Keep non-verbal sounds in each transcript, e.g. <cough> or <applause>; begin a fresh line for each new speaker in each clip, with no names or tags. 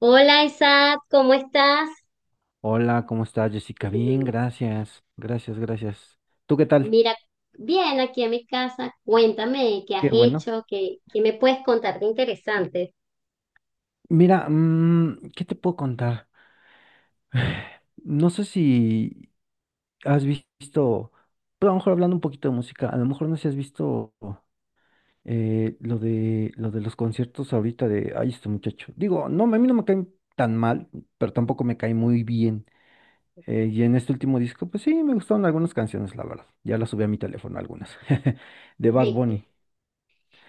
Hola Isaac, ¿cómo estás?
Hola, ¿cómo estás, Jessica? Bien,
<laughs>
gracias, gracias, gracias. ¿Tú qué tal?
Mira, bien aquí en mi casa. Cuéntame qué has
Qué bueno.
hecho, qué me puedes contar de interesante.
Mira, ¿qué te puedo contar? No sé si has visto, pero a lo mejor hablando un poquito de música, a lo mejor no sé si has visto lo de los conciertos ahorita de, ay, este muchacho. Digo, no, a mí no me caen tan mal, pero tampoco me cae muy bien. Y en este último disco, pues sí, me gustaron algunas canciones, la verdad. Ya las subí a mi teléfono algunas, <laughs> de Bad Bunny.
<laughs>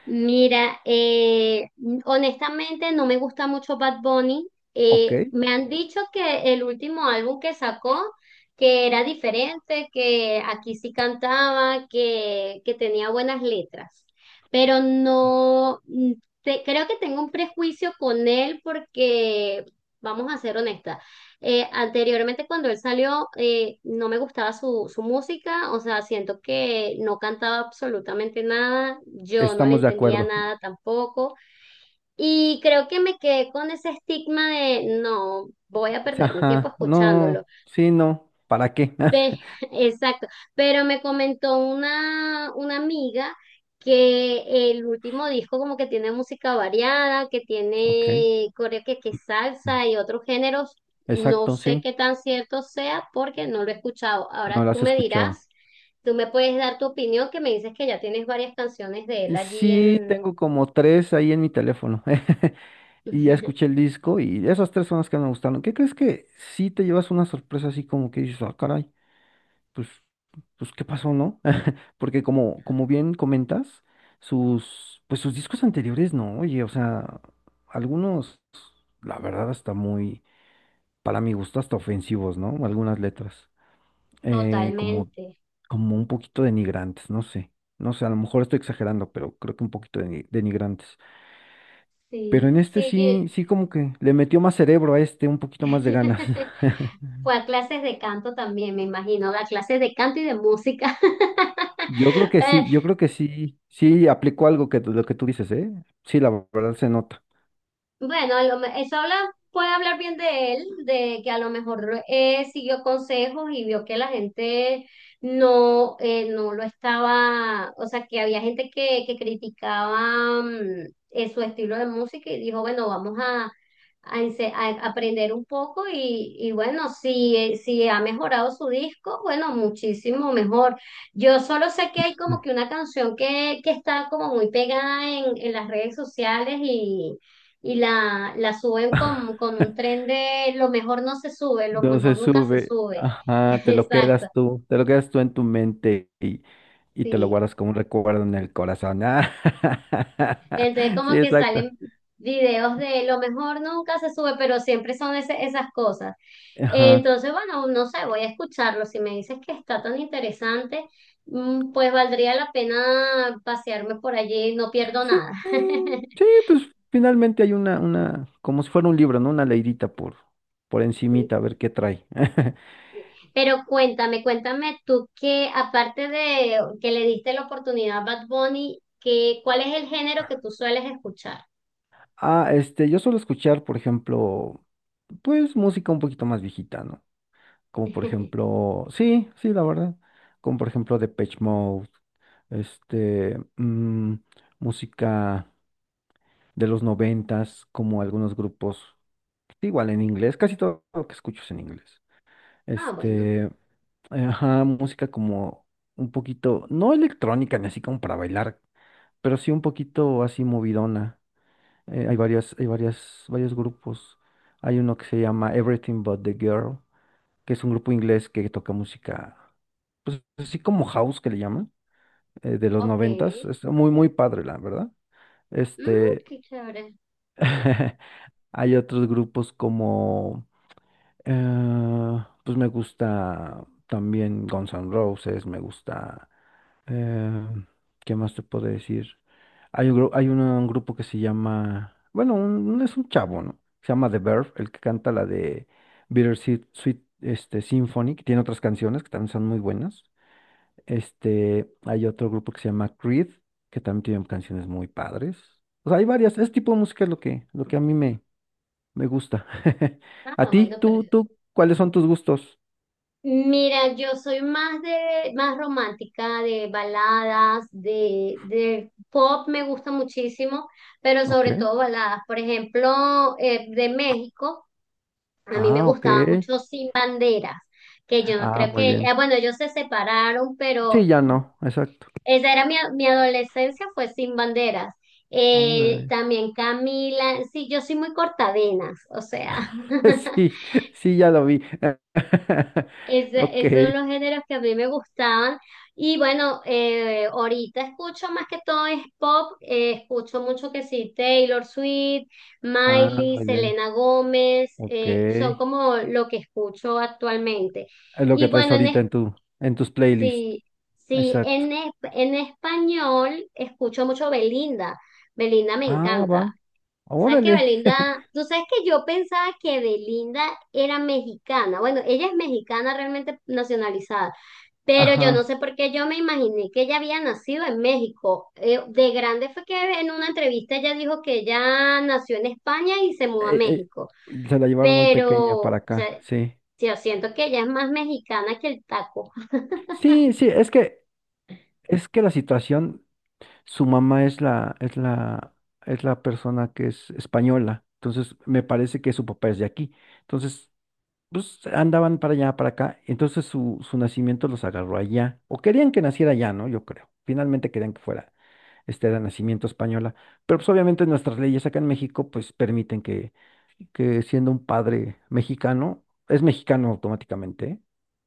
Mira, honestamente no me gusta mucho Bad Bunny.
Ok,
Me han dicho que el último álbum que sacó, que era diferente, que aquí sí cantaba, que tenía buenas letras, pero no, creo que tengo un prejuicio con él porque, vamos a ser honestas, anteriormente cuando él salió, no me gustaba su música, o sea, siento que no cantaba absolutamente nada, yo no le
estamos de
entendía
acuerdo.
nada tampoco. Y creo que me quedé con ese estigma de no, voy a perder mi tiempo
Ajá,
escuchándolo.
no, sí, no, ¿para qué?
Pe-
<laughs>
<laughs> exacto, pero me comentó una amiga que el último disco como que tiene música variada, que
Ok,
tiene que salsa y otros géneros, no
exacto,
sé
sí,
qué tan cierto sea porque no lo he escuchado.
no
Ahora
la
tú
has
me dirás,
escuchado.
tú me puedes dar tu opinión que me dices que ya tienes varias canciones de él allí
Sí,
en...
tengo como tres ahí en mi teléfono. <laughs> Y ya escuché el
<laughs>
disco y esas tres son las que me gustaron. ¿Qué crees? Que sí te llevas una sorpresa así como que dices, ah, caray, pues, pues, ¿qué pasó, no? <laughs> Porque como bien comentas, sus, pues sus discos anteriores, no, oye, o sea, algunos, la verdad, hasta muy, para mi gusto, hasta ofensivos, ¿no? Algunas letras. eh, como,
Totalmente.
como un poquito denigrantes, no sé. No sé, a lo mejor estoy exagerando, pero creo que un poquito denigrantes. Pero
Sí,
en este
sí,
sí como que le metió más cerebro a este, un poquito
yo.
más de ganas.
<laughs>
<laughs>
Fue a clases de canto también, me imagino, a clases de canto y de música.
Yo creo que sí, yo
<laughs>
creo que sí, sí aplicó algo que lo que tú dices, ¿eh? Sí, la verdad se nota.
Bueno, eso habla, puede hablar bien de él, de que a lo mejor siguió consejos y vio que la gente no, no lo estaba, o sea, que había gente que criticaba su estilo de música y dijo, bueno, vamos a aprender un poco y bueno, si ha mejorado su disco, bueno, muchísimo mejor. Yo solo sé que hay
Mm.
como que una canción que está como muy pegada en las redes sociales y la suben con un
<laughs>
tren de lo mejor no se sube, lo
No se
mejor nunca se
sube,
sube.
ajá,
<laughs>
te lo
Exacto,
quedas tú, te lo quedas tú en tu mente y te lo
sí.
guardas como un recuerdo en el corazón. Ah,
Entonces
<laughs> sí,
como que
exacto.
salen videos de lo mejor nunca se sube, pero siempre son esas cosas.
Ajá.
Entonces, bueno, no sé, voy a escucharlo. Si me dices que está tan interesante, pues valdría la pena pasearme por allí, no pierdo
Sí,
nada. <laughs>
sí, pues finalmente hay una, como si fuera un libro, ¿no? Una leidita por encimita, a ver qué trae. <laughs>
Pero cuéntame, cuéntame tú que aparte de que le diste la oportunidad a Bad Bunny, ¿cuál es el género que tú sueles escuchar?
Ah, yo suelo escuchar, por ejemplo, pues música un poquito más viejita, ¿no? Como por
<laughs>
ejemplo, sí, sí, la verdad. Como por ejemplo Depeche Mode, este, mm, música de los noventas, como algunos grupos, igual en inglés, casi todo lo que escucho es en inglés.
Ah, bueno,
Este, Ajá, música como un poquito, no electrónica ni así como para bailar, pero sí un poquito así movidona. Hay varias, varios grupos. Hay uno que se llama Everything But the Girl, que es un grupo inglés que toca música, pues así como house que le llaman, de los
ok.
noventas. Es muy, muy padre, la verdad.
Mm,
Este,
qué chévere.
<laughs> hay otros grupos como, pues me gusta también Guns N' Roses, me gusta. Eh, ¿Qué más te puedo decir? Hay un, gru- hay una- un grupo que se llama, bueno, es un chavo, ¿no? Se llama The Verve, el que canta la de Bittersweet Sweet, Symphony, que tiene otras canciones que también son muy buenas. Hay otro grupo que se llama Creed, que también tiene canciones muy padres. O sea, hay varias, ese tipo de música es lo que, a mí me gusta. <laughs> ¿A
Ah,
ti?
bueno, pero
¿Tú, cuáles son tus gustos?
mira, yo soy más de más romántica, de baladas, de pop me gusta muchísimo, pero
Ok.
sobre todo baladas. Por ejemplo, de México. A mí me
Ah, ok.
gustaba mucho Sin Banderas, que yo
Ah,
creo
muy
que,
bien.
bueno, ellos se separaron, pero
Sí, ya no, exacto.
esa era mi adolescencia, fue Sin Banderas. Eh,
Órale.
también Camila, sí, yo soy muy cortavenas, o sea,
<laughs>
<laughs>
Sí, sí, ya lo vi. <laughs>
Es, de-
Ok.
es de los géneros que a mí me gustaban. Y bueno, ahorita escucho más que todo es pop. Escucho mucho que sí, Taylor Swift,
Ah,
Miley,
muy bien.
Selena Gómez.
Ok.
Son
Es
como lo que escucho actualmente.
lo
Y
que traes
bueno, en
ahorita en tu, en tus playlists.
sí, sí,
Exacto.
en español escucho mucho Belinda. Belinda me
Ah,
encanta.
va.
¿Sabes que
Órale.
Belinda? Tú sabes que yo pensaba que Belinda era mexicana. Bueno, ella es mexicana realmente nacionalizada, pero yo no
Ajá.
sé por qué yo me imaginé que ella había nacido en México. De grande fue que en una entrevista ella dijo que ella nació en España y se mudó a
Eh,
México,
se la llevaron muy
pero
pequeña
o
para acá,
sea,
sí.
yo siento que ella es más mexicana que el taco. <laughs>
Sí, sí, es que, la situación, su mamá es la, es la persona que es española. Entonces, me parece que su papá es de aquí. Entonces, pues andaban para allá, para acá, entonces su nacimiento los agarró allá, o querían que naciera allá, ¿no? Yo creo, finalmente querían que fuera, de nacimiento española, pero pues obviamente nuestras leyes acá en México, pues permiten que, siendo un padre mexicano, es mexicano automáticamente, ¿eh?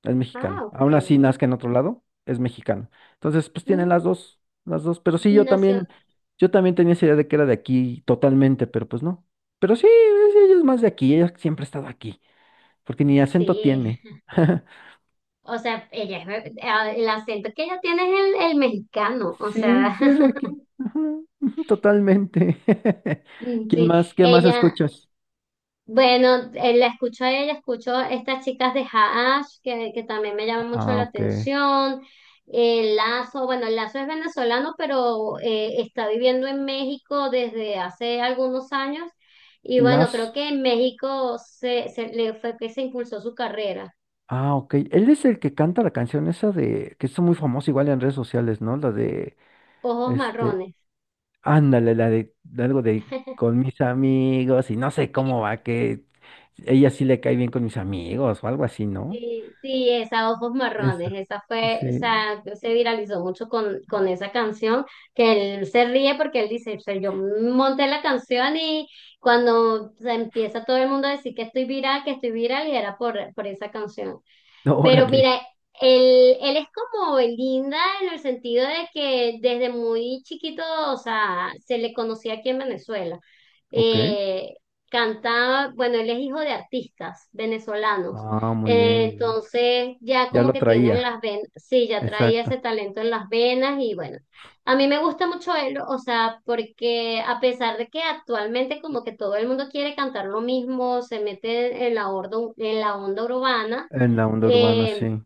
Es
Ah,
mexicano,
ok.
aún así nazca en otro lado, es mexicano, entonces pues tienen
Mm,
las dos, pero sí, yo
nació,
también, yo también tenía esa idea de que era de aquí totalmente, pero pues no, pero sí, ella es más de aquí, ella siempre ha estado aquí porque ni acento
sí.
tiene. <laughs>
O sea, ella el acento que ella tiene es el mexicano. O
Sí,
sea,
sí es de aquí.
<laughs>
Ajá, ujú, totalmente. <laughs>
mm,
¿Quién
sí.
más? ¿Qué más
Ella,
escuchas?
bueno, la escucho a ella, escucho estas chicas de Haash, que también me llaman mucho
Ah,
la
ok.
atención. El Lazo, bueno, el Lazo es venezolano, pero está viviendo en México desde hace algunos años. Y bueno, creo
Las.
que en México se le fue que se impulsó su carrera.
Ah, ok. Él es el que canta la canción esa de, que es muy famosa igual en redes sociales, ¿no? La de,
Ojos
este,
marrones.
ándale, la de algo de con mis amigos y no sé cómo va, que ella sí le cae bien con mis amigos o algo así, ¿no?
Sí, sí, esa Ojos Marrones,
Esa.
esa fue, o
Sí. <laughs>
sea, se viralizó mucho con esa canción, que él se ríe porque él dice, o sea, yo monté la canción y cuando se empieza todo el mundo a decir que estoy viral, y era por esa canción. Pero
Órale.
mira, él es como Belinda en el sentido de que desde muy chiquito, o sea, se le conocía aquí en Venezuela.
Ok.
Eh, canta, bueno, él es hijo de artistas venezolanos.
Ah, muy bien,
Eh,
muy bien.
entonces ya
Ya
como
lo
que tienen
traía.
las venas, sí, ya traía ese
Exacto.
talento en las venas y bueno. A mí me gusta mucho él, o sea, porque a pesar de que actualmente como que todo el mundo quiere cantar lo mismo, se mete en la onda urbana,
En la onda urbana,
eh,
sí.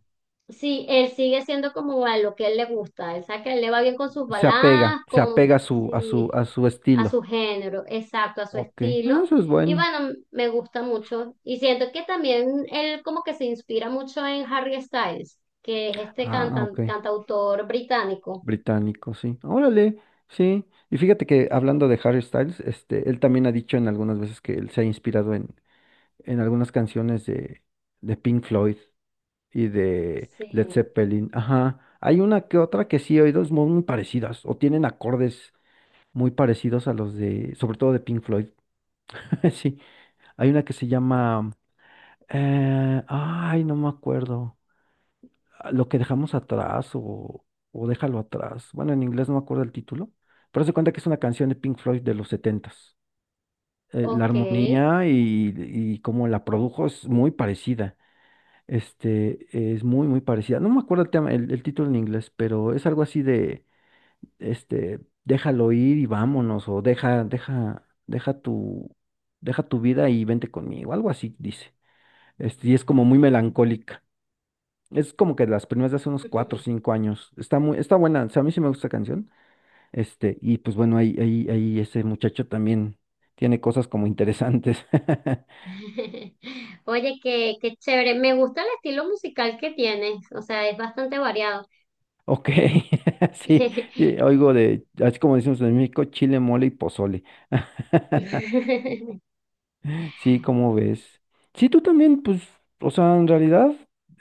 sí, él sigue siendo como a lo que él le gusta. Él sabe que a él le va bien con sus
Se apega,
baladas,
se apega a su, a su,
sí,
a su
a
estilo.
su género, exacto, a su
Ok,
estilo.
eso es
Y
bueno.
bueno, me gusta mucho. Y siento que también él como que se inspira mucho en Harry Styles, que es este
Ah, ok.
cantautor británico.
Británico, sí. Órale, sí. Y fíjate que hablando de Harry Styles, él también ha dicho en algunas veces que él se ha inspirado en, algunas canciones de Pink Floyd y de Led
Sí,
Zeppelin. Ajá. Hay una que otra que sí he oído es muy muy parecidas o tienen acordes muy parecidos a los de, sobre todo de Pink Floyd. <laughs> Sí. Hay una que se llama ay, no me acuerdo. Ah, lo que dejamos atrás o déjalo atrás. Bueno, en inglés no me acuerdo el título, pero se cuenta que es una canción de Pink Floyd de los setentas. La
ok.
armonía y cómo la produjo es muy parecida. Es muy, muy parecida. No me acuerdo el título en inglés, pero es algo así de, déjalo ir y vámonos, o deja tu vida y vente conmigo, algo así dice. Y es como muy melancólica. Es como que de las primeras de hace unos 4 o
<laughs>
5 años. Está buena. O sea, a mí sí me gusta esa canción. Y pues bueno, ahí, ahí ese muchacho también tiene cosas como interesantes. <laughs>
Oye, qué chévere. Me gusta el estilo musical que tienes, o sea, es bastante variado.
Ok, <laughs> sí, sí, oigo de, así como decimos en México, chile, mole y pozole. <laughs>
<laughs>
Sí, ¿cómo ves? Sí, tú también, pues, o sea, en realidad,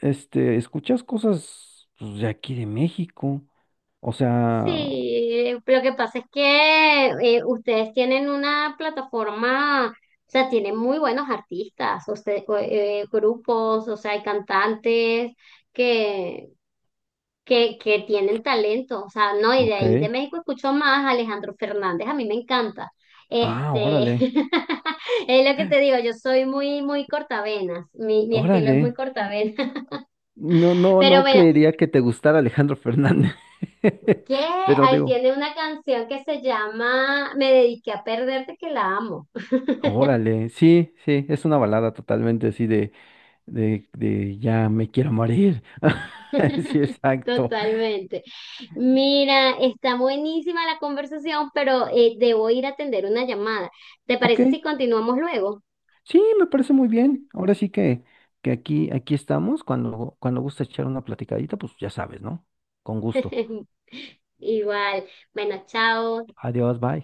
escuchas cosas pues, de aquí de México. O sea,
Sí, lo que pasa es que ustedes tienen una plataforma, o sea, tienen muy buenos artistas, o, grupos, o sea, hay cantantes que, que tienen talento, o sea, no, y de
ok.
ahí de México escucho más a Alejandro Fernández, a mí me encanta.
Ah,
Este,
órale,
<laughs> es lo que te digo, yo soy muy, muy cortavenas, mi estilo es muy
órale.
cortavenas.
No,
<laughs>
no,
Pero
no
bueno,
creería que te gustara Alejandro Fernández. <laughs>
¿qué?
Pero
Ah, él
digo,
tiene una canción que se llama Me dediqué a perderte, que la amo.
órale, sí, sí, es una balada totalmente así de, de ya me quiero morir. <laughs> Sí,
<laughs>
exacto.
Totalmente. Mira, está buenísima la conversación, pero debo ir a atender una llamada. ¿Te
Ok,
parece si continuamos luego?
sí, me parece muy bien. Ahora sí que, aquí, aquí estamos. Cuando gusta echar una platicadita, pues ya sabes, ¿no? Con gusto.
<laughs> Igual. Bueno, chao.
Adiós, bye.